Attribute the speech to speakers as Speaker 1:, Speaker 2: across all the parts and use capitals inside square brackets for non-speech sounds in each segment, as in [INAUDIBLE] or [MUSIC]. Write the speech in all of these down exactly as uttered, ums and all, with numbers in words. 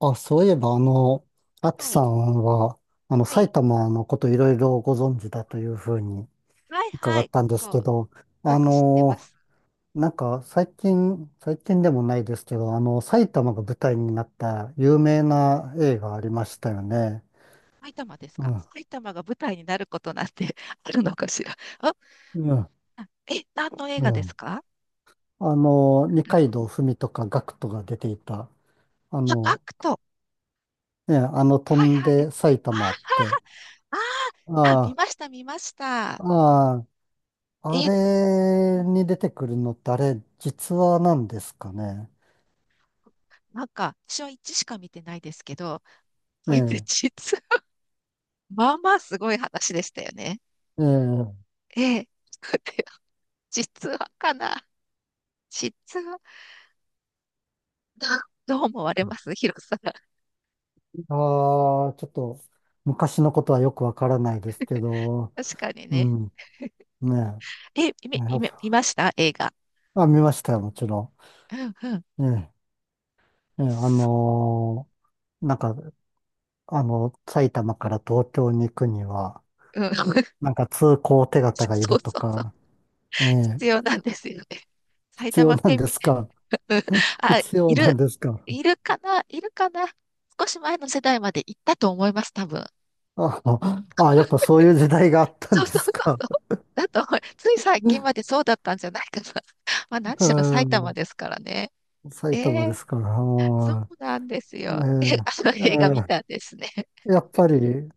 Speaker 1: あ、そういえば、あの、アキ
Speaker 2: は
Speaker 1: さ
Speaker 2: い。
Speaker 1: んは、あの、
Speaker 2: は
Speaker 1: 埼
Speaker 2: い。
Speaker 1: 玉のこといろいろご存知だというふうに
Speaker 2: はい
Speaker 1: 伺
Speaker 2: は
Speaker 1: っ
Speaker 2: い。
Speaker 1: たんですけ
Speaker 2: こ
Speaker 1: ど、
Speaker 2: う、よ
Speaker 1: あ
Speaker 2: く知ってま
Speaker 1: の、
Speaker 2: す。
Speaker 1: なんか最近、最近でもないですけど、あの、埼玉が舞台になった有名な映画あり
Speaker 2: う
Speaker 1: ま
Speaker 2: ん
Speaker 1: したよね。
Speaker 2: 埼玉です
Speaker 1: う
Speaker 2: か？
Speaker 1: ん、
Speaker 2: 埼玉が舞台になることなんて [LAUGHS] あるのかしら？あ、
Speaker 1: うん、
Speaker 2: あえ、何の映
Speaker 1: う
Speaker 2: 画です
Speaker 1: ん。
Speaker 2: か？
Speaker 1: あの、二階堂ふみとかガクトが出ていた、あ
Speaker 2: あ、ア
Speaker 1: の、
Speaker 2: クト。
Speaker 1: ね、あの、飛
Speaker 2: はい
Speaker 1: ん
Speaker 2: はい。
Speaker 1: で埼
Speaker 2: あ、
Speaker 1: 玉って、
Speaker 2: あ、あ、見
Speaker 1: あ
Speaker 2: ました、見ました。
Speaker 1: あ、ああ、あ
Speaker 2: え、う
Speaker 1: れ
Speaker 2: ん
Speaker 1: に出てくるのってあれ、実話なんですかね。
Speaker 2: なんか、私はいちしか見てないですけど、こ
Speaker 1: え
Speaker 2: れ
Speaker 1: え、
Speaker 2: 実は、まあまあすごい話でしたよね。
Speaker 1: ええ、
Speaker 2: ええ、[LAUGHS] 実はかな。実は、どどう思われます、ヒロさん？
Speaker 1: ああ、ちょっと昔のことはよくわからないですけど、
Speaker 2: 確かに
Speaker 1: う
Speaker 2: ね。
Speaker 1: ん、ね
Speaker 2: え、
Speaker 1: え、
Speaker 2: 見、
Speaker 1: やっ
Speaker 2: 見、見ました映画。
Speaker 1: ぱあ、見ましたよ、もちろ
Speaker 2: うんうん。
Speaker 1: ん。ええ、ええ、あ
Speaker 2: す
Speaker 1: のーなんか、あの、埼玉から東京に行くには、
Speaker 2: うん。[LAUGHS]
Speaker 1: なんか通行手形がい
Speaker 2: そ
Speaker 1: る
Speaker 2: う
Speaker 1: と
Speaker 2: そうそう。
Speaker 1: か、ええ、
Speaker 2: 必要なんですよね。埼
Speaker 1: 必要
Speaker 2: 玉
Speaker 1: なん
Speaker 2: 県
Speaker 1: で
Speaker 2: 民。
Speaker 1: すか？
Speaker 2: うん。
Speaker 1: [LAUGHS]
Speaker 2: あ、
Speaker 1: 必
Speaker 2: い
Speaker 1: 要なん
Speaker 2: る、
Speaker 1: ですか？
Speaker 2: いるかな？いるかな？少し前の世代まで行ったと思います、多分。
Speaker 1: [LAUGHS] ああ、やっぱそういう時代があった
Speaker 2: そ
Speaker 1: ん
Speaker 2: う
Speaker 1: で
Speaker 2: そうそ
Speaker 1: すか？
Speaker 2: うそう。だと思う、つい最近までそうだったんじゃないかな。[LAUGHS] まあ何
Speaker 1: う
Speaker 2: しろ埼玉
Speaker 1: ん、
Speaker 2: ですからね。え
Speaker 1: 埼玉で
Speaker 2: え、
Speaker 1: すから。
Speaker 2: そうなんです
Speaker 1: う
Speaker 2: よ。[LAUGHS]
Speaker 1: え
Speaker 2: え、あの映画見
Speaker 1: ー
Speaker 2: たん
Speaker 1: え
Speaker 2: ですね。
Speaker 1: ーやっぱり、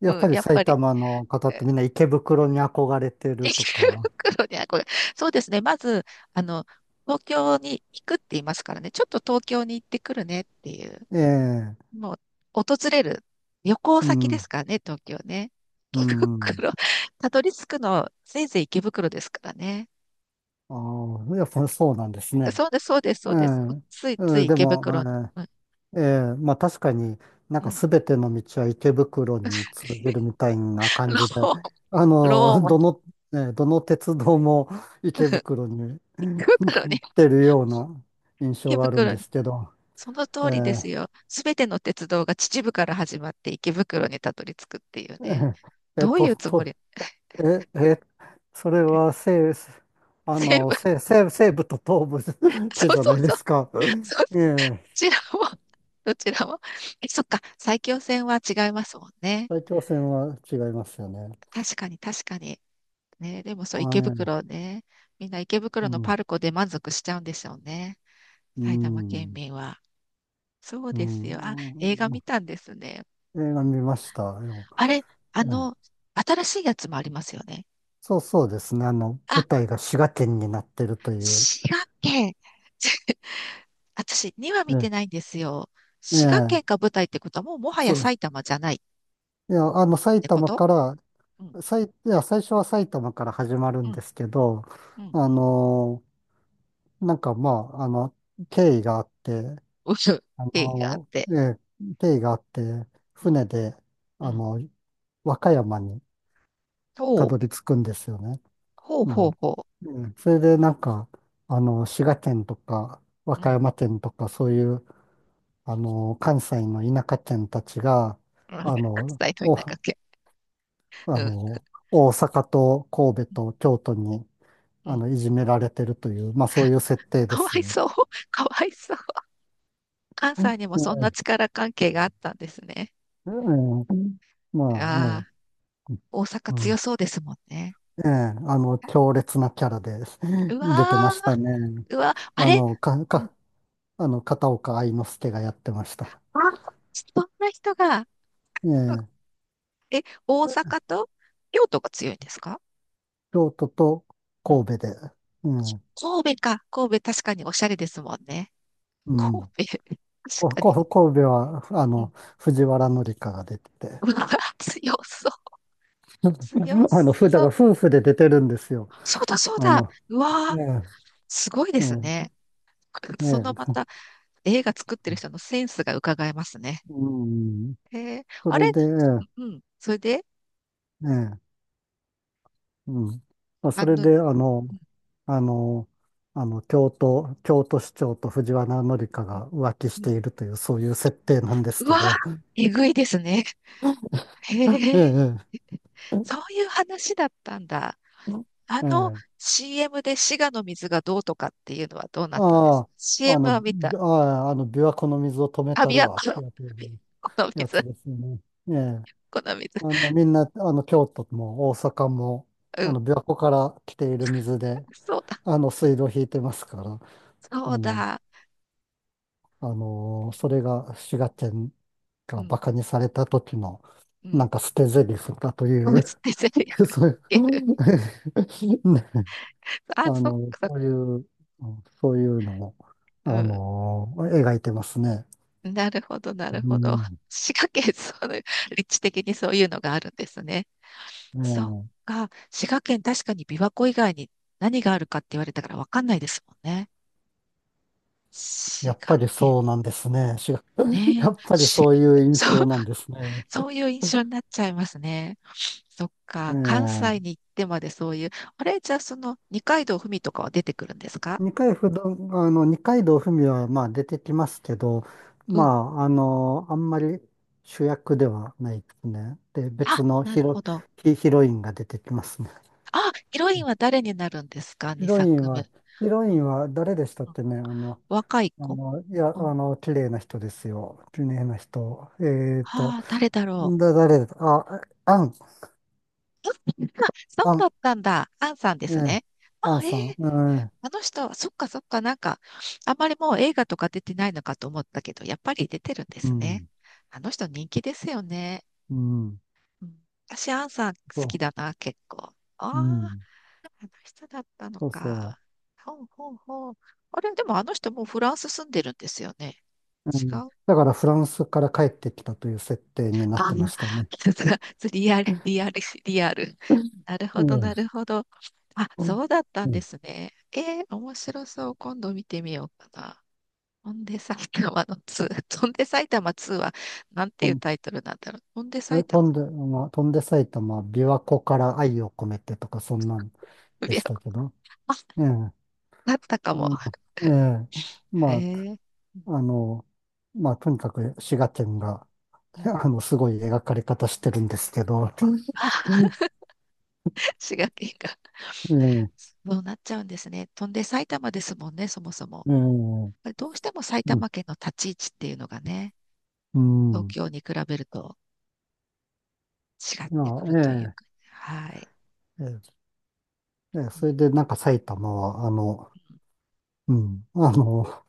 Speaker 1: やっ
Speaker 2: うん、
Speaker 1: ぱり
Speaker 2: やっぱ
Speaker 1: 埼
Speaker 2: り。
Speaker 1: 玉の方ってみんな池袋に憧れて
Speaker 2: [LAUGHS]
Speaker 1: ると
Speaker 2: 池
Speaker 1: か。
Speaker 2: 袋に憧れ、そうですね。まず、あの、東京に行くって言いますからね。ちょっと東京に行ってくるねっていう。
Speaker 1: ええ、
Speaker 2: もう、訪れる旅行
Speaker 1: う
Speaker 2: 先で
Speaker 1: ん、
Speaker 2: すからね、東京ね。
Speaker 1: う
Speaker 2: 池
Speaker 1: ん。
Speaker 2: 袋、たどり着くの、せいぜい池袋ですからね。
Speaker 1: ああ、やっぱそうなんですね。
Speaker 2: そうです、そうです、
Speaker 1: え
Speaker 2: そ
Speaker 1: え、
Speaker 2: うです。ついつ
Speaker 1: う
Speaker 2: い
Speaker 1: んで
Speaker 2: 池
Speaker 1: も、
Speaker 2: 袋に。うん、
Speaker 1: ええええまあ確かに、なん
Speaker 2: う
Speaker 1: か
Speaker 2: ん。
Speaker 1: 全ての道は池袋に通じるみたいな感じで、
Speaker 2: ロ
Speaker 1: あ
Speaker 2: ー、ロー
Speaker 1: の、
Speaker 2: も、
Speaker 1: どの、ね、どの鉄道も池
Speaker 2: [LAUGHS]
Speaker 1: 袋に
Speaker 2: 池袋に、
Speaker 1: 来てるような印
Speaker 2: 池
Speaker 1: 象があるん
Speaker 2: 袋
Speaker 1: で
Speaker 2: に。
Speaker 1: すけど、
Speaker 2: その
Speaker 1: え
Speaker 2: 通りです
Speaker 1: ー
Speaker 2: よ。すべての鉄道が秩父から始まって池袋にたどり着くっていう
Speaker 1: え
Speaker 2: ね。
Speaker 1: ーえっ
Speaker 2: どう
Speaker 1: と、
Speaker 2: いうつも
Speaker 1: と、
Speaker 2: り？
Speaker 1: え、え、それは生、あ
Speaker 2: 成
Speaker 1: の、
Speaker 2: ブ。
Speaker 1: 生、生、西部と東部 [LAUGHS]
Speaker 2: [LAUGHS] そ
Speaker 1: 系
Speaker 2: う
Speaker 1: じゃ
Speaker 2: そ
Speaker 1: な
Speaker 2: う
Speaker 1: いで
Speaker 2: そう。
Speaker 1: すか。
Speaker 2: そう、ど
Speaker 1: ええ、
Speaker 2: ちらも、どちらも。え、そっか。埼京線は違いますもんね。
Speaker 1: 大気汚染は違いますよね。
Speaker 2: 確かに、確かに。ね、でもそう、
Speaker 1: あ、
Speaker 2: 池
Speaker 1: ええ、
Speaker 2: 袋ね。みんな池
Speaker 1: う
Speaker 2: 袋のパ
Speaker 1: ん、
Speaker 2: ルコで満足しちゃうんでしょうね。
Speaker 1: う
Speaker 2: 埼玉県
Speaker 1: ん、
Speaker 2: 民は。そう
Speaker 1: う
Speaker 2: ですよ。あ、
Speaker 1: ん、
Speaker 2: 映画
Speaker 1: う
Speaker 2: 見
Speaker 1: ん、
Speaker 2: たんですね。
Speaker 1: 映画見ましたよ。
Speaker 2: あれ、あ
Speaker 1: ええ、
Speaker 2: の、新しいやつもありますよね。
Speaker 1: そうそうですね。あの、
Speaker 2: あ、
Speaker 1: 舞台が滋賀県になってるという。
Speaker 2: 滋賀県。[LAUGHS] 私、には
Speaker 1: え
Speaker 2: 見て
Speaker 1: え、
Speaker 2: ないんですよ。滋賀
Speaker 1: え
Speaker 2: 県が
Speaker 1: え、
Speaker 2: 舞台ってことは、もうもはや
Speaker 1: そう。
Speaker 2: 埼玉じゃない。
Speaker 1: いや、あの、
Speaker 2: っ
Speaker 1: 埼
Speaker 2: てこ
Speaker 1: 玉
Speaker 2: と？
Speaker 1: から
Speaker 2: うん、
Speaker 1: さい、いや、最初は埼玉から始まる
Speaker 2: う
Speaker 1: ん
Speaker 2: ん、
Speaker 1: ですけど、
Speaker 2: うん、う
Speaker 1: あ
Speaker 2: ん、
Speaker 1: のなんかまあ、あの、経緯があって、
Speaker 2: うん経
Speaker 1: あ
Speaker 2: 緯があっ
Speaker 1: の
Speaker 2: て。
Speaker 1: ええ、経緯があって、
Speaker 2: うん、
Speaker 1: 船で、
Speaker 2: う
Speaker 1: あ
Speaker 2: ん、
Speaker 1: の、和歌山に
Speaker 2: ほ
Speaker 1: た
Speaker 2: う、
Speaker 1: どり着くんですよね。
Speaker 2: ほう
Speaker 1: う
Speaker 2: ほ
Speaker 1: ん。
Speaker 2: うほ？
Speaker 1: うん、それでなんか、あの、滋賀県とか、和
Speaker 2: うん、う
Speaker 1: 歌
Speaker 2: ん。
Speaker 1: 山県とか、そういう、あの、関西の田舎県たちが、
Speaker 2: うん、伝
Speaker 1: あの、
Speaker 2: えといなか
Speaker 1: お、
Speaker 2: っけ。
Speaker 1: あ
Speaker 2: うん。
Speaker 1: の、大阪と神戸と京都に、
Speaker 2: う
Speaker 1: あ
Speaker 2: ん。
Speaker 1: の、いじめられてるという、まあそういう設定で
Speaker 2: かわ
Speaker 1: す
Speaker 2: い
Speaker 1: よ。
Speaker 2: そう。[LAUGHS] かわいそう。関
Speaker 1: え
Speaker 2: 西にもそんな
Speaker 1: え、
Speaker 2: 力関係があったんですね。
Speaker 1: ええ、ま
Speaker 2: あ
Speaker 1: あ、
Speaker 2: あ、
Speaker 1: ええ、
Speaker 2: 大阪
Speaker 1: う
Speaker 2: 強
Speaker 1: ん、
Speaker 2: そうですもんね。
Speaker 1: ええ、あの、強烈なキャラで [LAUGHS]
Speaker 2: う
Speaker 1: 出て
Speaker 2: わ
Speaker 1: ましたね。
Speaker 2: ー、うわ、あ
Speaker 1: あ
Speaker 2: れ、
Speaker 1: の、か、
Speaker 2: うん。
Speaker 1: か、あの、片岡愛之助がやってました。
Speaker 2: あ、そんな人が、
Speaker 1: え
Speaker 2: そう、
Speaker 1: え、
Speaker 2: え、大阪と京都が強いんですか？
Speaker 1: 京都と
Speaker 2: うん、
Speaker 1: 神戸で、ええ、
Speaker 2: 神戸か。神戸確かにおしゃれですもんね。
Speaker 1: うん。
Speaker 2: 神戸、確
Speaker 1: こ、
Speaker 2: かに。
Speaker 1: こ、神戸は、あ
Speaker 2: うん。
Speaker 1: の、藤原紀香が出てて、
Speaker 2: うわ、強そう、強
Speaker 1: [LAUGHS] あの、ふ、だ
Speaker 2: そ
Speaker 1: から
Speaker 2: う。
Speaker 1: 夫婦で出てるんですよ。
Speaker 2: そうだ、そう
Speaker 1: あ
Speaker 2: だ。
Speaker 1: の、
Speaker 2: う
Speaker 1: え
Speaker 2: わ
Speaker 1: え、
Speaker 2: ー、すごいです
Speaker 1: え
Speaker 2: ね。
Speaker 1: え、
Speaker 2: そ
Speaker 1: え
Speaker 2: のまた
Speaker 1: え、
Speaker 2: 映画作ってる人のセンスが伺えますね。
Speaker 1: うん。
Speaker 2: へえ、
Speaker 1: そ
Speaker 2: あれ、
Speaker 1: れで、え
Speaker 2: うん、それで、
Speaker 1: え、ええ、うん。まあ、そ
Speaker 2: あ
Speaker 1: れ
Speaker 2: の、う
Speaker 1: で、あの、あの、あの、京都、京都市長と藤原紀香
Speaker 2: ん、
Speaker 1: が浮気し
Speaker 2: う
Speaker 1: て
Speaker 2: ん、
Speaker 1: いるという、そういう設定なんです
Speaker 2: う
Speaker 1: け
Speaker 2: わー、
Speaker 1: ど、
Speaker 2: えぐいですね。へ
Speaker 1: ええ、
Speaker 2: え、
Speaker 1: え
Speaker 2: そういう話だったんだ。あ
Speaker 1: え、え
Speaker 2: の
Speaker 1: え、
Speaker 2: シーエム で滋賀の水がどうとかっていうのはどうなったんです？
Speaker 1: ああ、あ
Speaker 2: シーエム
Speaker 1: の、
Speaker 2: は見た。
Speaker 1: びああ、あの、琵琶湖の水を止め
Speaker 2: あ、
Speaker 1: た
Speaker 2: 琵
Speaker 1: る
Speaker 2: 琶
Speaker 1: わっ
Speaker 2: 湖
Speaker 1: て
Speaker 2: の、
Speaker 1: やつ、
Speaker 2: 琵琶湖の
Speaker 1: やつ
Speaker 2: 水、
Speaker 1: ですね。ええ、
Speaker 2: この水。
Speaker 1: あの、みんな、あの、京都も大阪も、
Speaker 2: う
Speaker 1: あ
Speaker 2: ん。
Speaker 1: の、琵琶湖から来ている水で、
Speaker 2: そうだ。
Speaker 1: あの、水道を引いてますから、あ
Speaker 2: そう
Speaker 1: の、
Speaker 2: だ。
Speaker 1: あのーそれが滋賀県
Speaker 2: う
Speaker 1: が馬
Speaker 2: ん。
Speaker 1: 鹿にされた時の、
Speaker 2: う
Speaker 1: なん
Speaker 2: ん。
Speaker 1: か捨て台詞だとい
Speaker 2: [LAUGHS] つ
Speaker 1: う
Speaker 2: てゼリ
Speaker 1: [LAUGHS]
Speaker 2: フつ
Speaker 1: そう
Speaker 2: ける。
Speaker 1: いう [LAUGHS] ね、
Speaker 2: あ、
Speaker 1: あ
Speaker 2: そっ
Speaker 1: の、
Speaker 2: か、そっ
Speaker 1: そうい
Speaker 2: か。
Speaker 1: う、そういうのを、あのー描いてますね。
Speaker 2: うん。なるほど、なる
Speaker 1: う
Speaker 2: ほど。
Speaker 1: ん。
Speaker 2: 滋賀県、そういう、立地的にそういうのがあるんですね。そっ
Speaker 1: ね
Speaker 2: か。滋賀県、確かに琵琶湖以外に何があるかって言われたからわかんないですもんね。
Speaker 1: え、
Speaker 2: 滋
Speaker 1: やっ
Speaker 2: 賀
Speaker 1: ぱり
Speaker 2: 県
Speaker 1: そうなんですね。滋賀 [LAUGHS] や
Speaker 2: ね。
Speaker 1: っぱり
Speaker 2: し、
Speaker 1: そういう印
Speaker 2: そう、
Speaker 1: 象なんですね。
Speaker 2: そういう印象になっちゃいますね。そっか。関西
Speaker 1: ええ、
Speaker 2: に行ってまでそういう、あれ、じゃあその二階堂ふみとかは出てくるんですか？
Speaker 1: 二階不動、あの、二階堂ふみはまあ出てきますけど、
Speaker 2: う
Speaker 1: ま
Speaker 2: ん。
Speaker 1: あ、あの、あんまり主役ではないですね。で、
Speaker 2: あ、
Speaker 1: 別の
Speaker 2: なる
Speaker 1: ヒロ、
Speaker 2: ほど。
Speaker 1: ヒ、ヒロインが出てきますね。
Speaker 2: あ、ヒロインは誰になるんですか？
Speaker 1: ヒ
Speaker 2: に
Speaker 1: ロイン
Speaker 2: 作目。
Speaker 1: は、ヒロ
Speaker 2: う
Speaker 1: イ
Speaker 2: ん、
Speaker 1: ンは誰でしたっ
Speaker 2: うん
Speaker 1: てね、あの、
Speaker 2: 若い
Speaker 1: あ
Speaker 2: 子。
Speaker 1: の、いや、
Speaker 2: うん、
Speaker 1: あの、綺麗な人ですよ。綺麗な人。えっと、
Speaker 2: ああ、誰だろう。
Speaker 1: だ、誰だ、あ、アン、
Speaker 2: そう
Speaker 1: ア
Speaker 2: だ
Speaker 1: ン、
Speaker 2: ったんだ。アンさんで
Speaker 1: え
Speaker 2: す
Speaker 1: え、
Speaker 2: ね。
Speaker 1: ア
Speaker 2: あ、
Speaker 1: ン
Speaker 2: ええ、
Speaker 1: さん、うん、
Speaker 2: あの人は、そっかそっか、なんか、あんまりもう映画とか出てないのかと思ったけど、やっぱり出てるんで
Speaker 1: う
Speaker 2: すね。
Speaker 1: ん、
Speaker 2: あの人人気ですよね。
Speaker 1: うん、
Speaker 2: うん、私、アンさん好き
Speaker 1: そ
Speaker 2: だな、結構。ああ、
Speaker 1: う、うん、
Speaker 2: あの人だったの
Speaker 1: そうそ
Speaker 2: か。
Speaker 1: う。
Speaker 2: ほうほうほう。あれ、でもあの人もうフランス住んでるんですよね。
Speaker 1: う
Speaker 2: 違
Speaker 1: ん、
Speaker 2: う、
Speaker 1: だからフランスから帰ってきたという設定になっ
Speaker 2: あ、
Speaker 1: てましたね。
Speaker 2: さすが、リアル、リアル、リアル。なるほど、な
Speaker 1: え
Speaker 2: る
Speaker 1: え、
Speaker 2: ほど。あ、
Speaker 1: うん、
Speaker 2: そうだった
Speaker 1: う
Speaker 2: んで
Speaker 1: ん、
Speaker 2: すね。えー、面白そう。今度見てみようかな。翔んで埼玉のつー。翔んで埼玉ツーは、なん
Speaker 1: 飛
Speaker 2: ていう
Speaker 1: ん
Speaker 2: タイトルなんだろう。翔んで
Speaker 1: え
Speaker 2: 埼
Speaker 1: 飛
Speaker 2: 玉。
Speaker 1: んで、まあ、飛んで埼玉、琵琶湖から愛を込めてとか、そんなんで
Speaker 2: い
Speaker 1: したけど。
Speaker 2: あ、
Speaker 1: ええ、
Speaker 2: だったかも。
Speaker 1: うん、え
Speaker 2: [LAUGHS]
Speaker 1: え、
Speaker 2: へ
Speaker 1: ま
Speaker 2: え。うん
Speaker 1: あ、あの、まあ、とにかく滋賀県が、
Speaker 2: うん
Speaker 1: [LAUGHS] あの、すごい描かれ方してるんですけど。う
Speaker 2: あ、
Speaker 1: ん、
Speaker 2: 滋賀県が。
Speaker 1: え
Speaker 2: そうなっちゃうんですね。飛んで埼玉ですもんね、そもそも。
Speaker 1: え、ええ、うん、
Speaker 2: どうしても埼玉県の立ち位置っていうのがね、
Speaker 1: う
Speaker 2: 東
Speaker 1: ん。
Speaker 2: 京に比べると。違っ
Speaker 1: い
Speaker 2: てくるという
Speaker 1: や、
Speaker 2: かね、はい。
Speaker 1: ええ、ええ、ええ、
Speaker 2: うん、
Speaker 1: それでなんか埼玉は、あの、
Speaker 2: う
Speaker 1: うん。あの、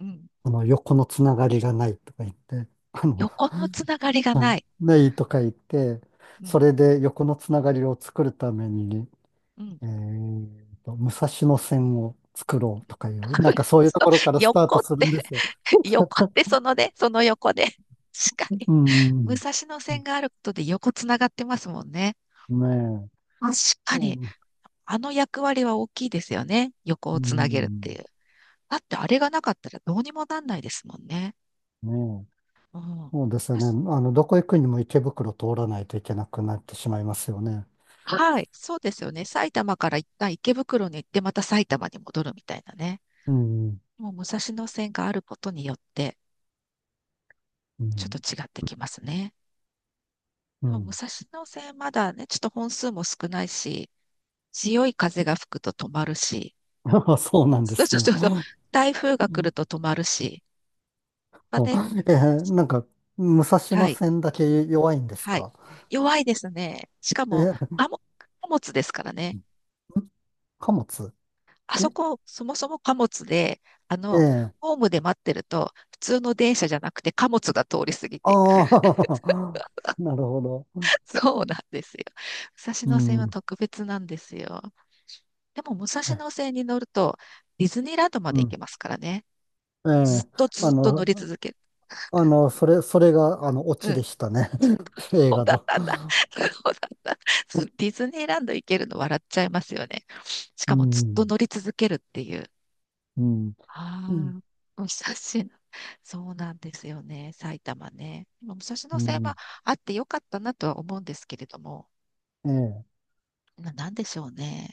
Speaker 2: ん、うん
Speaker 1: この横のつながりがないとか言って、あの、
Speaker 2: 横のつながりがな
Speaker 1: あ
Speaker 2: い。
Speaker 1: ないとか言って、
Speaker 2: う
Speaker 1: そ
Speaker 2: ん、
Speaker 1: れで横のつながりを作るために、
Speaker 2: うん。
Speaker 1: えーと、武蔵野線を作ろうとかいう、なんか
Speaker 2: [LAUGHS]
Speaker 1: そういう
Speaker 2: そ
Speaker 1: と
Speaker 2: う
Speaker 1: ころからスター
Speaker 2: 横
Speaker 1: ト
Speaker 2: っ
Speaker 1: する
Speaker 2: て
Speaker 1: んですよ。
Speaker 2: [LAUGHS] 横ってそのね、その横で。確かに。
Speaker 1: う
Speaker 2: 武
Speaker 1: ん。
Speaker 2: 蔵野線があることで横つながってますもんね。
Speaker 1: ね
Speaker 2: 確
Speaker 1: え。
Speaker 2: かに。
Speaker 1: う
Speaker 2: あの役割は大きいですよね。横をつなげるってい
Speaker 1: ん。
Speaker 2: う。だってあれがなかったらどうにもなんないですもんね。
Speaker 1: ねえ。
Speaker 2: うん。
Speaker 1: そうですよね。あ
Speaker 2: 確
Speaker 1: の、どこ行くにも池袋通らないといけなくなってしまいますよね。
Speaker 2: はい。そうですよね。埼玉から一旦池袋に行って、また埼玉に戻るみたいなね。
Speaker 1: うん。
Speaker 2: もう武蔵野線があることによって、
Speaker 1: う
Speaker 2: ちょっと
Speaker 1: ん。
Speaker 2: 違ってきますね。
Speaker 1: う
Speaker 2: でも武
Speaker 1: ん。
Speaker 2: 蔵野線まだね、ちょっと本数も少ないし、強い風が吹くと止まるし、
Speaker 1: [LAUGHS] そうなんで
Speaker 2: そう
Speaker 1: す
Speaker 2: そう
Speaker 1: ね。
Speaker 2: そうそう、台風が来ると止まるし、まあね、
Speaker 1: あえーなんか、武蔵
Speaker 2: は
Speaker 1: 野
Speaker 2: い、
Speaker 1: 線だけ弱いんです
Speaker 2: はい。
Speaker 1: か？
Speaker 2: 弱いですね。しか
Speaker 1: え
Speaker 2: も、
Speaker 1: ー、
Speaker 2: 貨物貨物ですからね。
Speaker 1: [LAUGHS] 貨物、
Speaker 2: あ
Speaker 1: え、
Speaker 2: そこ、そもそも貨物で、あ
Speaker 1: え
Speaker 2: の、
Speaker 1: え
Speaker 2: ホームで待ってると、普通の電車じゃなくて貨物が通り過ぎていく。
Speaker 1: ああー、[LAUGHS] なるほど。
Speaker 2: [LAUGHS] そうなんですよ。武蔵
Speaker 1: う
Speaker 2: 野線は
Speaker 1: ん、
Speaker 2: 特別なんですよ。でも、武蔵野
Speaker 1: え、
Speaker 2: 線に乗ると、ディズニーランドま
Speaker 1: う
Speaker 2: で行け
Speaker 1: ん、
Speaker 2: ますからね。
Speaker 1: え
Speaker 2: ず
Speaker 1: え、
Speaker 2: っとず
Speaker 1: あ
Speaker 2: っと乗り
Speaker 1: の、
Speaker 2: 続ける。
Speaker 1: あの、それ、それが、あの、オ
Speaker 2: う
Speaker 1: チ
Speaker 2: ん。
Speaker 1: でしたね。[LAUGHS] 映
Speaker 2: そう
Speaker 1: 画
Speaker 2: だっ
Speaker 1: の。
Speaker 2: たんだ。[LAUGHS] そうだった。そうディズニーランド行けるの笑っちゃいますよね。し
Speaker 1: う
Speaker 2: かも、ずっと
Speaker 1: ん、
Speaker 2: 乗り続けるっていう。
Speaker 1: うん、うん、
Speaker 2: ああ、武蔵野。そうなんですよね。埼玉ね。今武蔵
Speaker 1: う
Speaker 2: 野線
Speaker 1: ん、
Speaker 2: はあってよかったなとは思うんですけれども、
Speaker 1: ええ、
Speaker 2: な、なんでしょうね。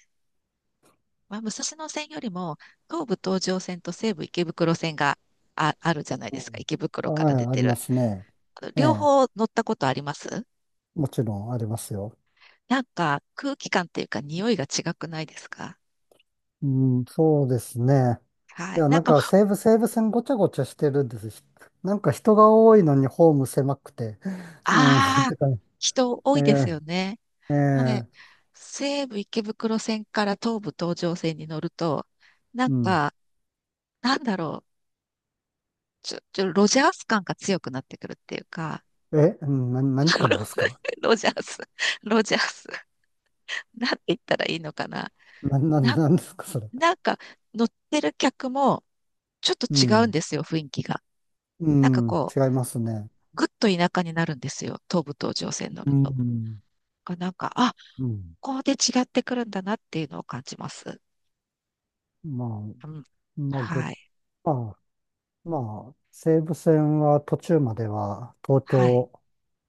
Speaker 2: まあ、武蔵野線よりも東武東上線と西武池袋線があ、あるじゃない
Speaker 1: う
Speaker 2: ですか。
Speaker 1: ん、
Speaker 2: 池袋か
Speaker 1: は
Speaker 2: ら出
Speaker 1: い、あ
Speaker 2: て
Speaker 1: りま
Speaker 2: る。
Speaker 1: すね。
Speaker 2: あの
Speaker 1: え
Speaker 2: 両方
Speaker 1: え、
Speaker 2: 乗ったことあります？
Speaker 1: もちろんありますよ。
Speaker 2: なんか空気感っていうか匂いが違くないですか？
Speaker 1: うん、そうですね。
Speaker 2: は
Speaker 1: い
Speaker 2: い。
Speaker 1: や、
Speaker 2: なん
Speaker 1: なん
Speaker 2: か、
Speaker 1: か西武西武線ごちゃごちゃしてるんですし。なんか人が多いのにホーム狭くて。[LAUGHS] うん、[LAUGHS] っ
Speaker 2: ああ、
Speaker 1: てか、
Speaker 2: 人多
Speaker 1: え
Speaker 2: いです
Speaker 1: ー、
Speaker 2: よね。
Speaker 1: え
Speaker 2: もうね、
Speaker 1: ー、
Speaker 2: 西武池袋線から東武東上線に乗ると、なん
Speaker 1: うん。
Speaker 2: か、なんだろう、ちょ、ちょ、ロジャース感が強くなってくるっていうか、
Speaker 1: え、うん、な、何館です
Speaker 2: [LAUGHS]
Speaker 1: か？
Speaker 2: ロジャース、ロジャース。なんて言ったらいいのかな。
Speaker 1: な、な、
Speaker 2: な、
Speaker 1: なんですか、それ。
Speaker 2: なんか乗ってる客もちょっと
Speaker 1: う
Speaker 2: 違うん
Speaker 1: ん、
Speaker 2: ですよ、雰囲気が。
Speaker 1: う
Speaker 2: なんか
Speaker 1: ん、
Speaker 2: こう、
Speaker 1: 違いますね。
Speaker 2: ぐっと田舎になるんですよ、東武東上線乗
Speaker 1: う
Speaker 2: ると。
Speaker 1: ん、
Speaker 2: あなんか、あ、
Speaker 1: うん。
Speaker 2: ここで違ってくるんだなっていうのを感じます。
Speaker 1: ま
Speaker 2: う
Speaker 1: あ、
Speaker 2: ん。
Speaker 1: まあ、ぐ、
Speaker 2: はい。
Speaker 1: まあ、まあ、西武線は途中までは東
Speaker 2: はい。
Speaker 1: 京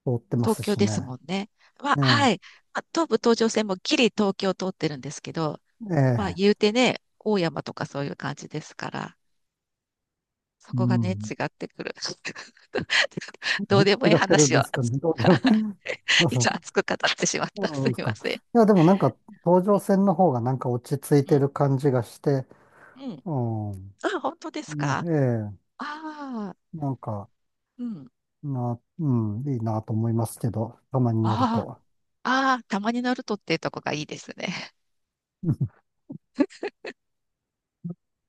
Speaker 1: 通ってま
Speaker 2: 東
Speaker 1: す
Speaker 2: 京
Speaker 1: し
Speaker 2: です
Speaker 1: ね。
Speaker 2: もんね。まあ、は
Speaker 1: ね
Speaker 2: い。まあ、東武東上線もギリ東京通ってるんですけど、
Speaker 1: え、え
Speaker 2: まあ、言う
Speaker 1: え、
Speaker 2: てね、大山とかそういう感じですから、そ
Speaker 1: う
Speaker 2: こがね、
Speaker 1: ん。
Speaker 2: 違ってくる。[LAUGHS] どうで
Speaker 1: [LAUGHS]
Speaker 2: もいい
Speaker 1: 違ってるん
Speaker 2: 話を。
Speaker 1: ですかね。どうでも。[LAUGHS]
Speaker 2: [LAUGHS] 一応熱く語ってしまっ
Speaker 1: そ
Speaker 2: た。
Speaker 1: うな
Speaker 2: す
Speaker 1: ん
Speaker 2: い
Speaker 1: です
Speaker 2: ま
Speaker 1: か。
Speaker 2: せん。
Speaker 1: いや、でもなんか、東
Speaker 2: う
Speaker 1: 上
Speaker 2: ん、
Speaker 1: 線の方がなんか落ち着い
Speaker 2: う
Speaker 1: て
Speaker 2: ん、
Speaker 1: る感じがして、
Speaker 2: うん。
Speaker 1: うん。
Speaker 2: あ、本当です
Speaker 1: も
Speaker 2: か？
Speaker 1: う、え
Speaker 2: ああ
Speaker 1: え、なんか、
Speaker 2: ー、うん。
Speaker 1: な、うん、いいなと思いますけど、たまに乗る
Speaker 2: あ
Speaker 1: と。
Speaker 2: あ、ああ、たまにナルトっていうとこがいいですね。